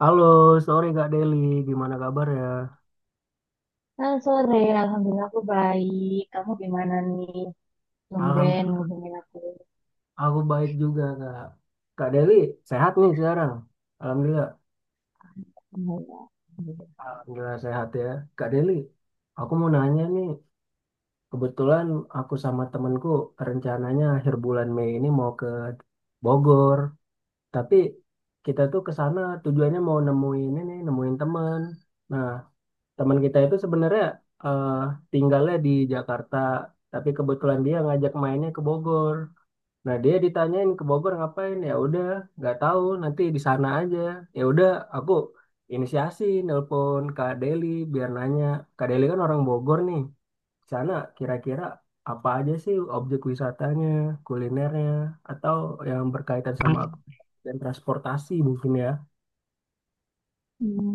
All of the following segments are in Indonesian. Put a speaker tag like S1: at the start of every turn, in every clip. S1: Halo, sore Kak Deli, gimana kabar ya?
S2: Halo sore. Alhamdulillah aku baik. Kamu gimana nih? Tumben
S1: Alhamdulillah,
S2: ngubungin aku.
S1: aku baik juga Kak. Kak Deli, sehat nih sekarang. Alhamdulillah.
S2: Alhamdulillah.
S1: Alhamdulillah sehat ya. Kak Deli, aku mau nanya nih, kebetulan aku sama temenku rencananya akhir bulan Mei ini mau ke Bogor, tapi kita tuh ke sana tujuannya mau nemuin ini, nemuin temen. Nah, teman kita itu sebenarnya eh, tinggalnya di Jakarta, tapi kebetulan dia ngajak mainnya ke Bogor. Nah dia ditanyain ke Bogor ngapain ya udah nggak tahu nanti di sana aja, ya udah aku inisiasi nelpon Kak Deli biar nanya. Kak Deli kan orang Bogor nih, di sana kira-kira apa aja sih objek wisatanya, kulinernya, atau yang berkaitan sama aku dan transportasi mungkin ya.
S2: Hmm,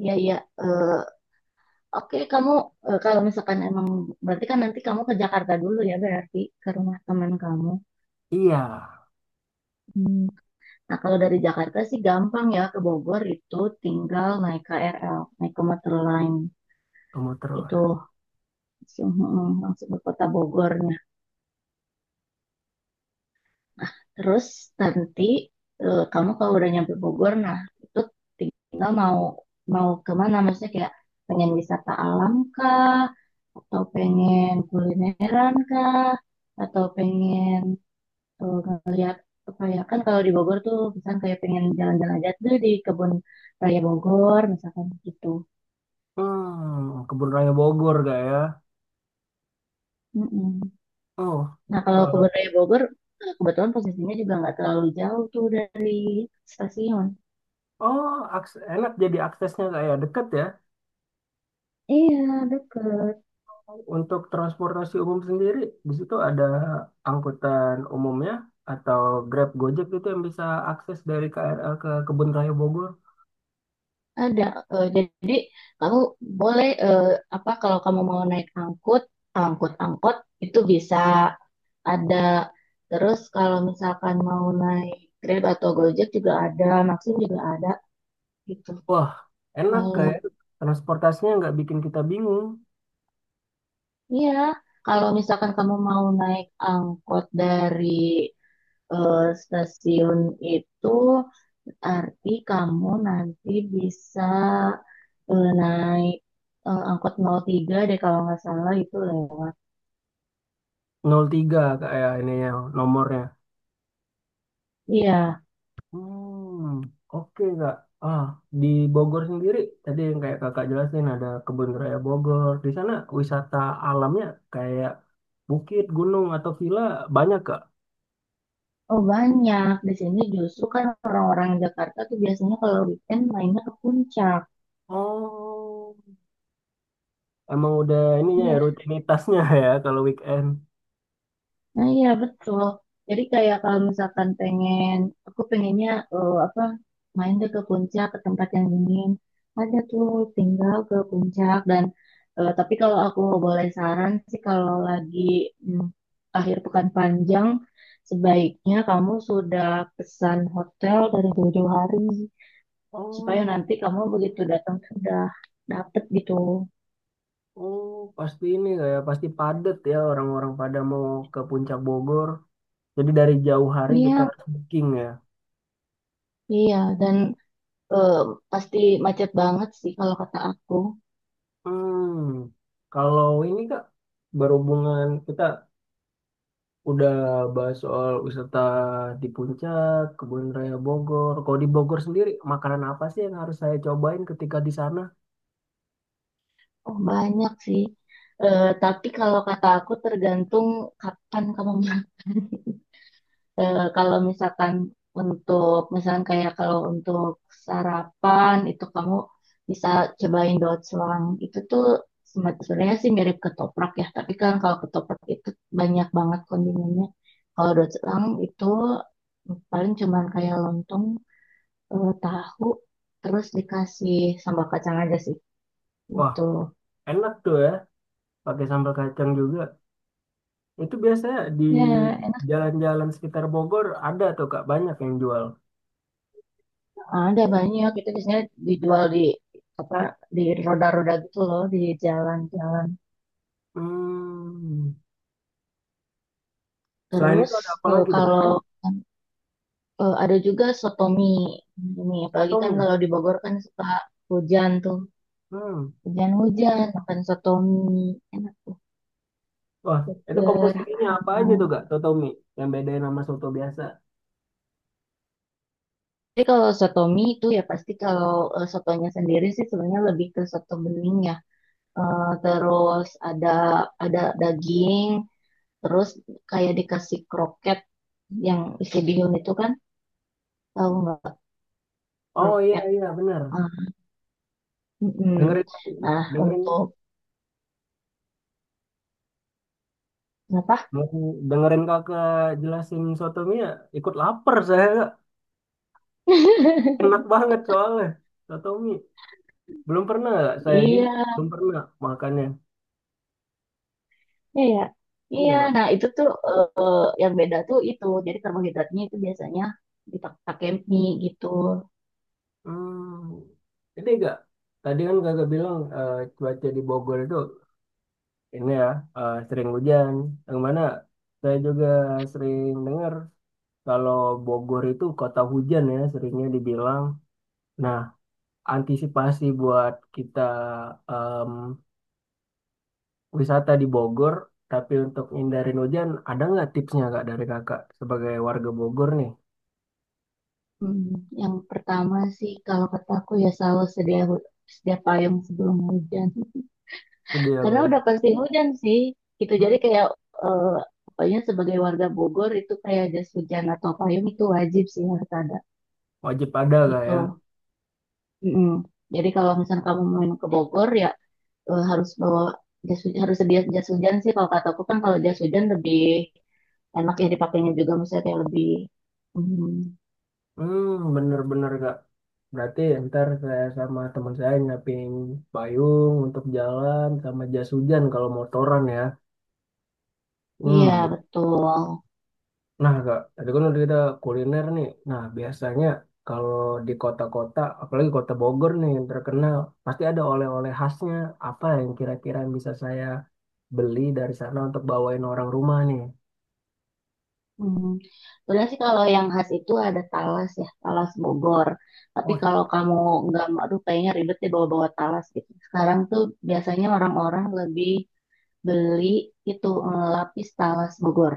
S2: iya, iya. Eh, Oke, kamu kalau misalkan emang berarti kan nanti kamu ke Jakarta dulu ya, berarti ke rumah teman kamu.
S1: Iya,
S2: Hmm. Nah, kalau dari Jakarta sih gampang ya ke Bogor itu tinggal naik KRL, naik ke Meter Line
S1: kamu terus
S2: itu langsung, langsung ke kota Bogor. Terus nanti kamu kalau udah nyampe Bogor, nah itu tinggal mau mau kemana? Maksudnya kayak pengen wisata alam kah? Atau pengen kulineran kah? Atau pengen eh, ngeliat apa ya? Kan kalau di Bogor tuh misalkan kayak pengen jalan-jalan aja tuh di kebun raya Bogor, misalkan gitu.
S1: hmm kebun raya Bogor gak ya.
S2: Mm-mm.
S1: Oh.
S2: Nah kalau
S1: eh,
S2: kebun raya Bogor kebetulan posisinya juga nggak terlalu jauh tuh dari stasiun.
S1: oh Enak jadi aksesnya gak ya, deket ya.
S2: Iya, deket.
S1: Untuk transportasi umum sendiri, di situ ada angkutan umumnya atau Grab Gojek itu yang bisa akses dari KRL ke Kebun Raya Bogor.
S2: Ada, jadi kamu boleh apa, kalau kamu mau naik angkut, angkot itu bisa ada. Terus kalau misalkan mau naik Grab atau Gojek juga ada, Maxim juga ada gitu.
S1: Wah, enak,
S2: Kalau
S1: kayak transportasinya nggak bikin kita bingung.
S2: iya, kalau misalkan kamu mau naik angkot dari eh, stasiun itu, arti kamu nanti bisa naik angkot nol tiga deh kalau nggak salah itu lewat.
S1: Nol tiga kayak ini ya nomornya.
S2: Iya,
S1: Hmm, oke Kak. Ah, di Bogor sendiri tadi yang kayak Kakak jelasin ada Kebun Raya Bogor. Di sana wisata alamnya kayak bukit, gunung atau villa banyak Kak.
S2: oh banyak. Di sini justru kan orang-orang Jakarta tuh biasanya kalau weekend mainnya ke puncak.
S1: Oh, emang udah ininya
S2: Ya,
S1: ya rutinitasnya ya kalau weekend.
S2: nah iya betul. Jadi kayak kalau misalkan pengen, aku pengennya eh, apa main deh ke puncak ke tempat yang dingin. Ada tuh tinggal ke puncak. Dan tapi kalau aku boleh saran sih, kalau lagi mm, akhir pekan panjang sebaiknya kamu sudah pesan hotel dari jauh-jauh hari, supaya
S1: Oh,
S2: nanti kamu begitu datang sudah dapet gitu.
S1: oh pasti ini kayak pasti padat ya orang-orang pada mau ke Puncak Bogor. Jadi dari jauh hari kita
S2: Iya,
S1: harus booking ya.
S2: iya. Dan eh, pasti macet banget sih kalau kata aku.
S1: Hmm, kalau ini Kak, berhubungan kita udah bahas soal wisata di Puncak, Kebun Raya Bogor. Kalau di Bogor sendiri makanan apa sih yang harus saya cobain ketika di sana?
S2: Oh, banyak sih. Tapi kalau kata aku tergantung kapan kamu. Kalau misalkan untuk misalkan kayak kalau untuk sarapan itu kamu bisa cobain dotslang. Itu tuh sebenarnya sih mirip ketoprak ya, tapi kan kalau ketoprak itu banyak banget kondimennya, kalau dotslang itu paling cuman kayak lontong, tahu, terus dikasih sambal kacang aja sih
S1: Wah,
S2: itu.
S1: enak tuh ya, pakai sambal kacang juga. Itu biasanya di
S2: Ya, enak.
S1: jalan-jalan sekitar Bogor ada tuh Kak, banyak yang jual.
S2: Ada banyak, itu biasanya dijual di apa, di roda-roda gitu loh, di jalan-jalan.
S1: Hmm. Selain
S2: Terus
S1: itu ada apa
S2: eh,
S1: lagi tuh Kak?
S2: kalau
S1: Ya?
S2: ada juga soto mie. Mie, apalagi kan
S1: Sotomi.
S2: kalau di Bogor kan suka hujan tuh.
S1: Hmm.
S2: Hujan-hujan, makan soto mie. Enak tuh,
S1: Wah, itu
S2: seger,
S1: komposisinya apa aja tuh
S2: hangat.
S1: Kak, Sotomi? Yang bedain sama soto biasa.
S2: Jadi kalau soto mie itu ya pasti kalau sotonya sendiri sih sebenarnya lebih ke soto bening ya. Terus ada ada daging, terus kayak dikasih kroket yang isi bihun itu kan, tahu nggak
S1: Oh iya,
S2: kroket?
S1: iya benar.
S2: Ah, mm-mm.
S1: Dengerin,
S2: Nah,
S1: dengerin,
S2: untuk apa?
S1: dengerin kakak jelasin sotomi ya, ikut lapar saya Kak. Enak banget soalnya, sotomi. Belum pernah Kak, saya jujur
S2: Iya,
S1: belum pernah makannya.
S2: iya, ya. Iya,
S1: Iya.
S2: nah itu tuh yang beda tuh itu. Jadi karbohidratnya itu biasanya dipakai mie gitu.
S1: Hmm, ini enggak. Tadi kan kakak bilang cuaca di Bogor itu ini ya, sering hujan. Yang mana saya juga sering dengar kalau Bogor itu kota hujan ya seringnya dibilang. Nah, antisipasi buat kita em, wisata di Bogor, tapi untuk hindarin hujan, ada nggak tipsnya kak dari kakak sebagai warga Bogor nih?
S2: Hmm, yang pertama sih kalau kataku ya selalu sedia payung sebelum hujan.
S1: Itu dia
S2: Karena udah
S1: Boy.
S2: pasti hujan sih. Itu
S1: Hmm,
S2: jadi kayak eh, pokoknya sebagai warga Bogor itu kayak jas hujan atau payung itu wajib sih, harus ada
S1: wajib ada kak ya.
S2: gitu. Mm-mm. Jadi kalau misalnya kamu main ke Bogor ya harus bawa jas hujan, harus sedia jas hujan sih kalau kataku, kan kalau jas hujan lebih enak ya dipakainya juga misalnya kayak lebih. Hmm,
S1: Hmm, bener-bener kak. Berarti ntar saya sama teman saya nyiapin payung untuk jalan sama jas hujan kalau motoran ya.
S2: iya
S1: Hmm.
S2: betul.
S1: Nah, Kak, tadi kan udah kita kuliner nih. Nah, biasanya kalau di kota-kota, apalagi kota Bogor nih yang terkenal, pasti ada oleh-oleh khasnya. Apa yang kira-kira yang bisa saya beli dari sana untuk bawain orang rumah nih?
S2: Hmm. Sebenarnya sih kalau yang khas itu ada talas ya, talas Bogor. Tapi
S1: Oh,
S2: kalau kamu nggak, aduh kayaknya ribet deh bawa-bawa talas gitu. Sekarang tuh biasanya orang-orang lebih beli itu lapis talas Bogor.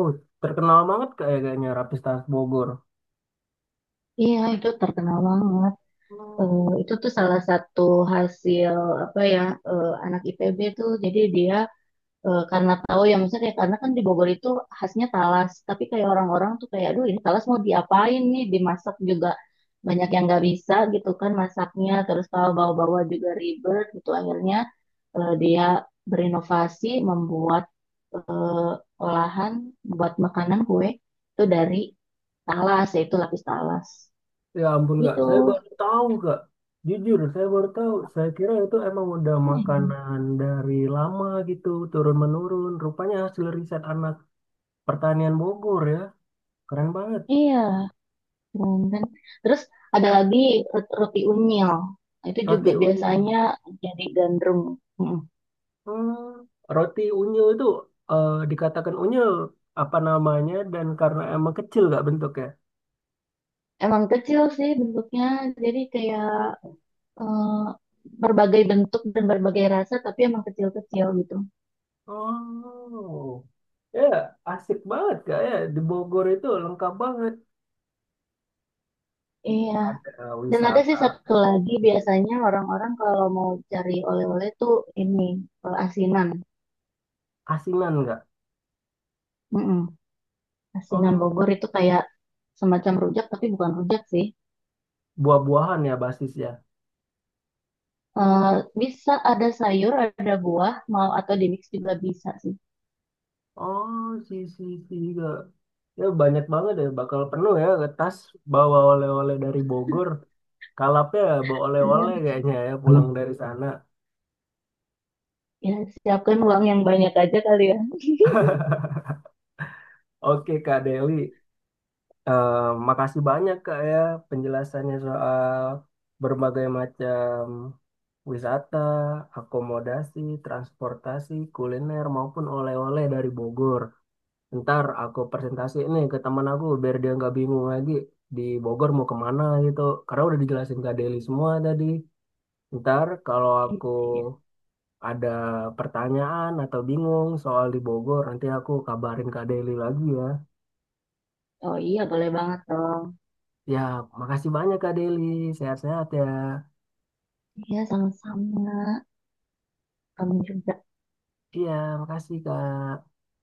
S1: oh, terkenal banget kayak- kayaknya Rapis Khas Bogor.
S2: Iya, itu terkenal banget. Itu tuh salah satu hasil apa ya, anak IPB tuh. Jadi dia karena tahu ya, maksudnya kayak, karena kan di Bogor itu khasnya talas, tapi kayak orang-orang tuh kayak aduh ini talas mau diapain nih, dimasak juga banyak yang nggak bisa gitu kan masaknya, terus kalau bawa-bawa juga ribet gitu, akhirnya dia berinovasi membuat eh, olahan buat makanan kue itu dari talas yaitu lapis talas
S1: Ya ampun kak, saya
S2: gitu.
S1: baru tahu kak. Jujur, saya baru tahu. Saya kira itu emang udah
S2: Hmm,
S1: makanan dari lama gitu, turun menurun. Rupanya hasil riset anak pertanian Bogor ya, keren banget.
S2: iya Bundan. Terus ada lagi roti unyil. Itu juga
S1: Roti unyu.
S2: biasanya jadi gandrung. Mm.
S1: Hmm, roti unyu itu dikatakan unyu apa namanya dan karena emang kecil kak bentuknya.
S2: Emang kecil sih bentuknya, jadi kayak eh, berbagai bentuk dan berbagai rasa, tapi emang kecil-kecil gitu.
S1: Oh, ya asik banget kak ya di Bogor itu lengkap banget.
S2: Iya.
S1: Ada
S2: Dan ada sih
S1: wisata
S2: satu lagi, biasanya orang-orang kalau mau cari oleh-oleh tuh ini asinan.
S1: asinan nggak
S2: Mm-mm. Asinan
S1: Om,
S2: Bogor itu kayak semacam rujak, tapi bukan rujak sih.
S1: buah-buahan ya basisnya.
S2: Eh, bisa ada sayur, ada buah, mau atau di mix juga bisa sih.
S1: Oh, si si si juga. Ya banyak banget ya, bakal penuh ya ke tas bawa oleh-oleh dari Bogor. Kalapnya bawa
S2: Iya.
S1: oleh-oleh kayaknya ya pulang
S2: Kalau,
S1: dari sana.
S2: ya siapkan uang yang banyak aja kali ya.
S1: Oke Kak Deli, Eh, makasih banyak Kak ya penjelasannya soal berbagai macam wisata, akomodasi, transportasi, kuliner maupun oleh-oleh dari Bogor. Ntar aku presentasi ini ke teman aku biar dia nggak bingung lagi di Bogor mau kemana gitu, karena udah dijelasin Kak Deli semua tadi. Ntar kalau aku
S2: Iya.
S1: ada pertanyaan atau bingung soal di Bogor nanti aku kabarin Kak Deli lagi ya.
S2: Oh iya, boleh banget dong.
S1: Ya, makasih banyak Kak Deli, sehat-sehat ya.
S2: Iya, sama-sama. Kamu juga.
S1: Iya, makasih Kak.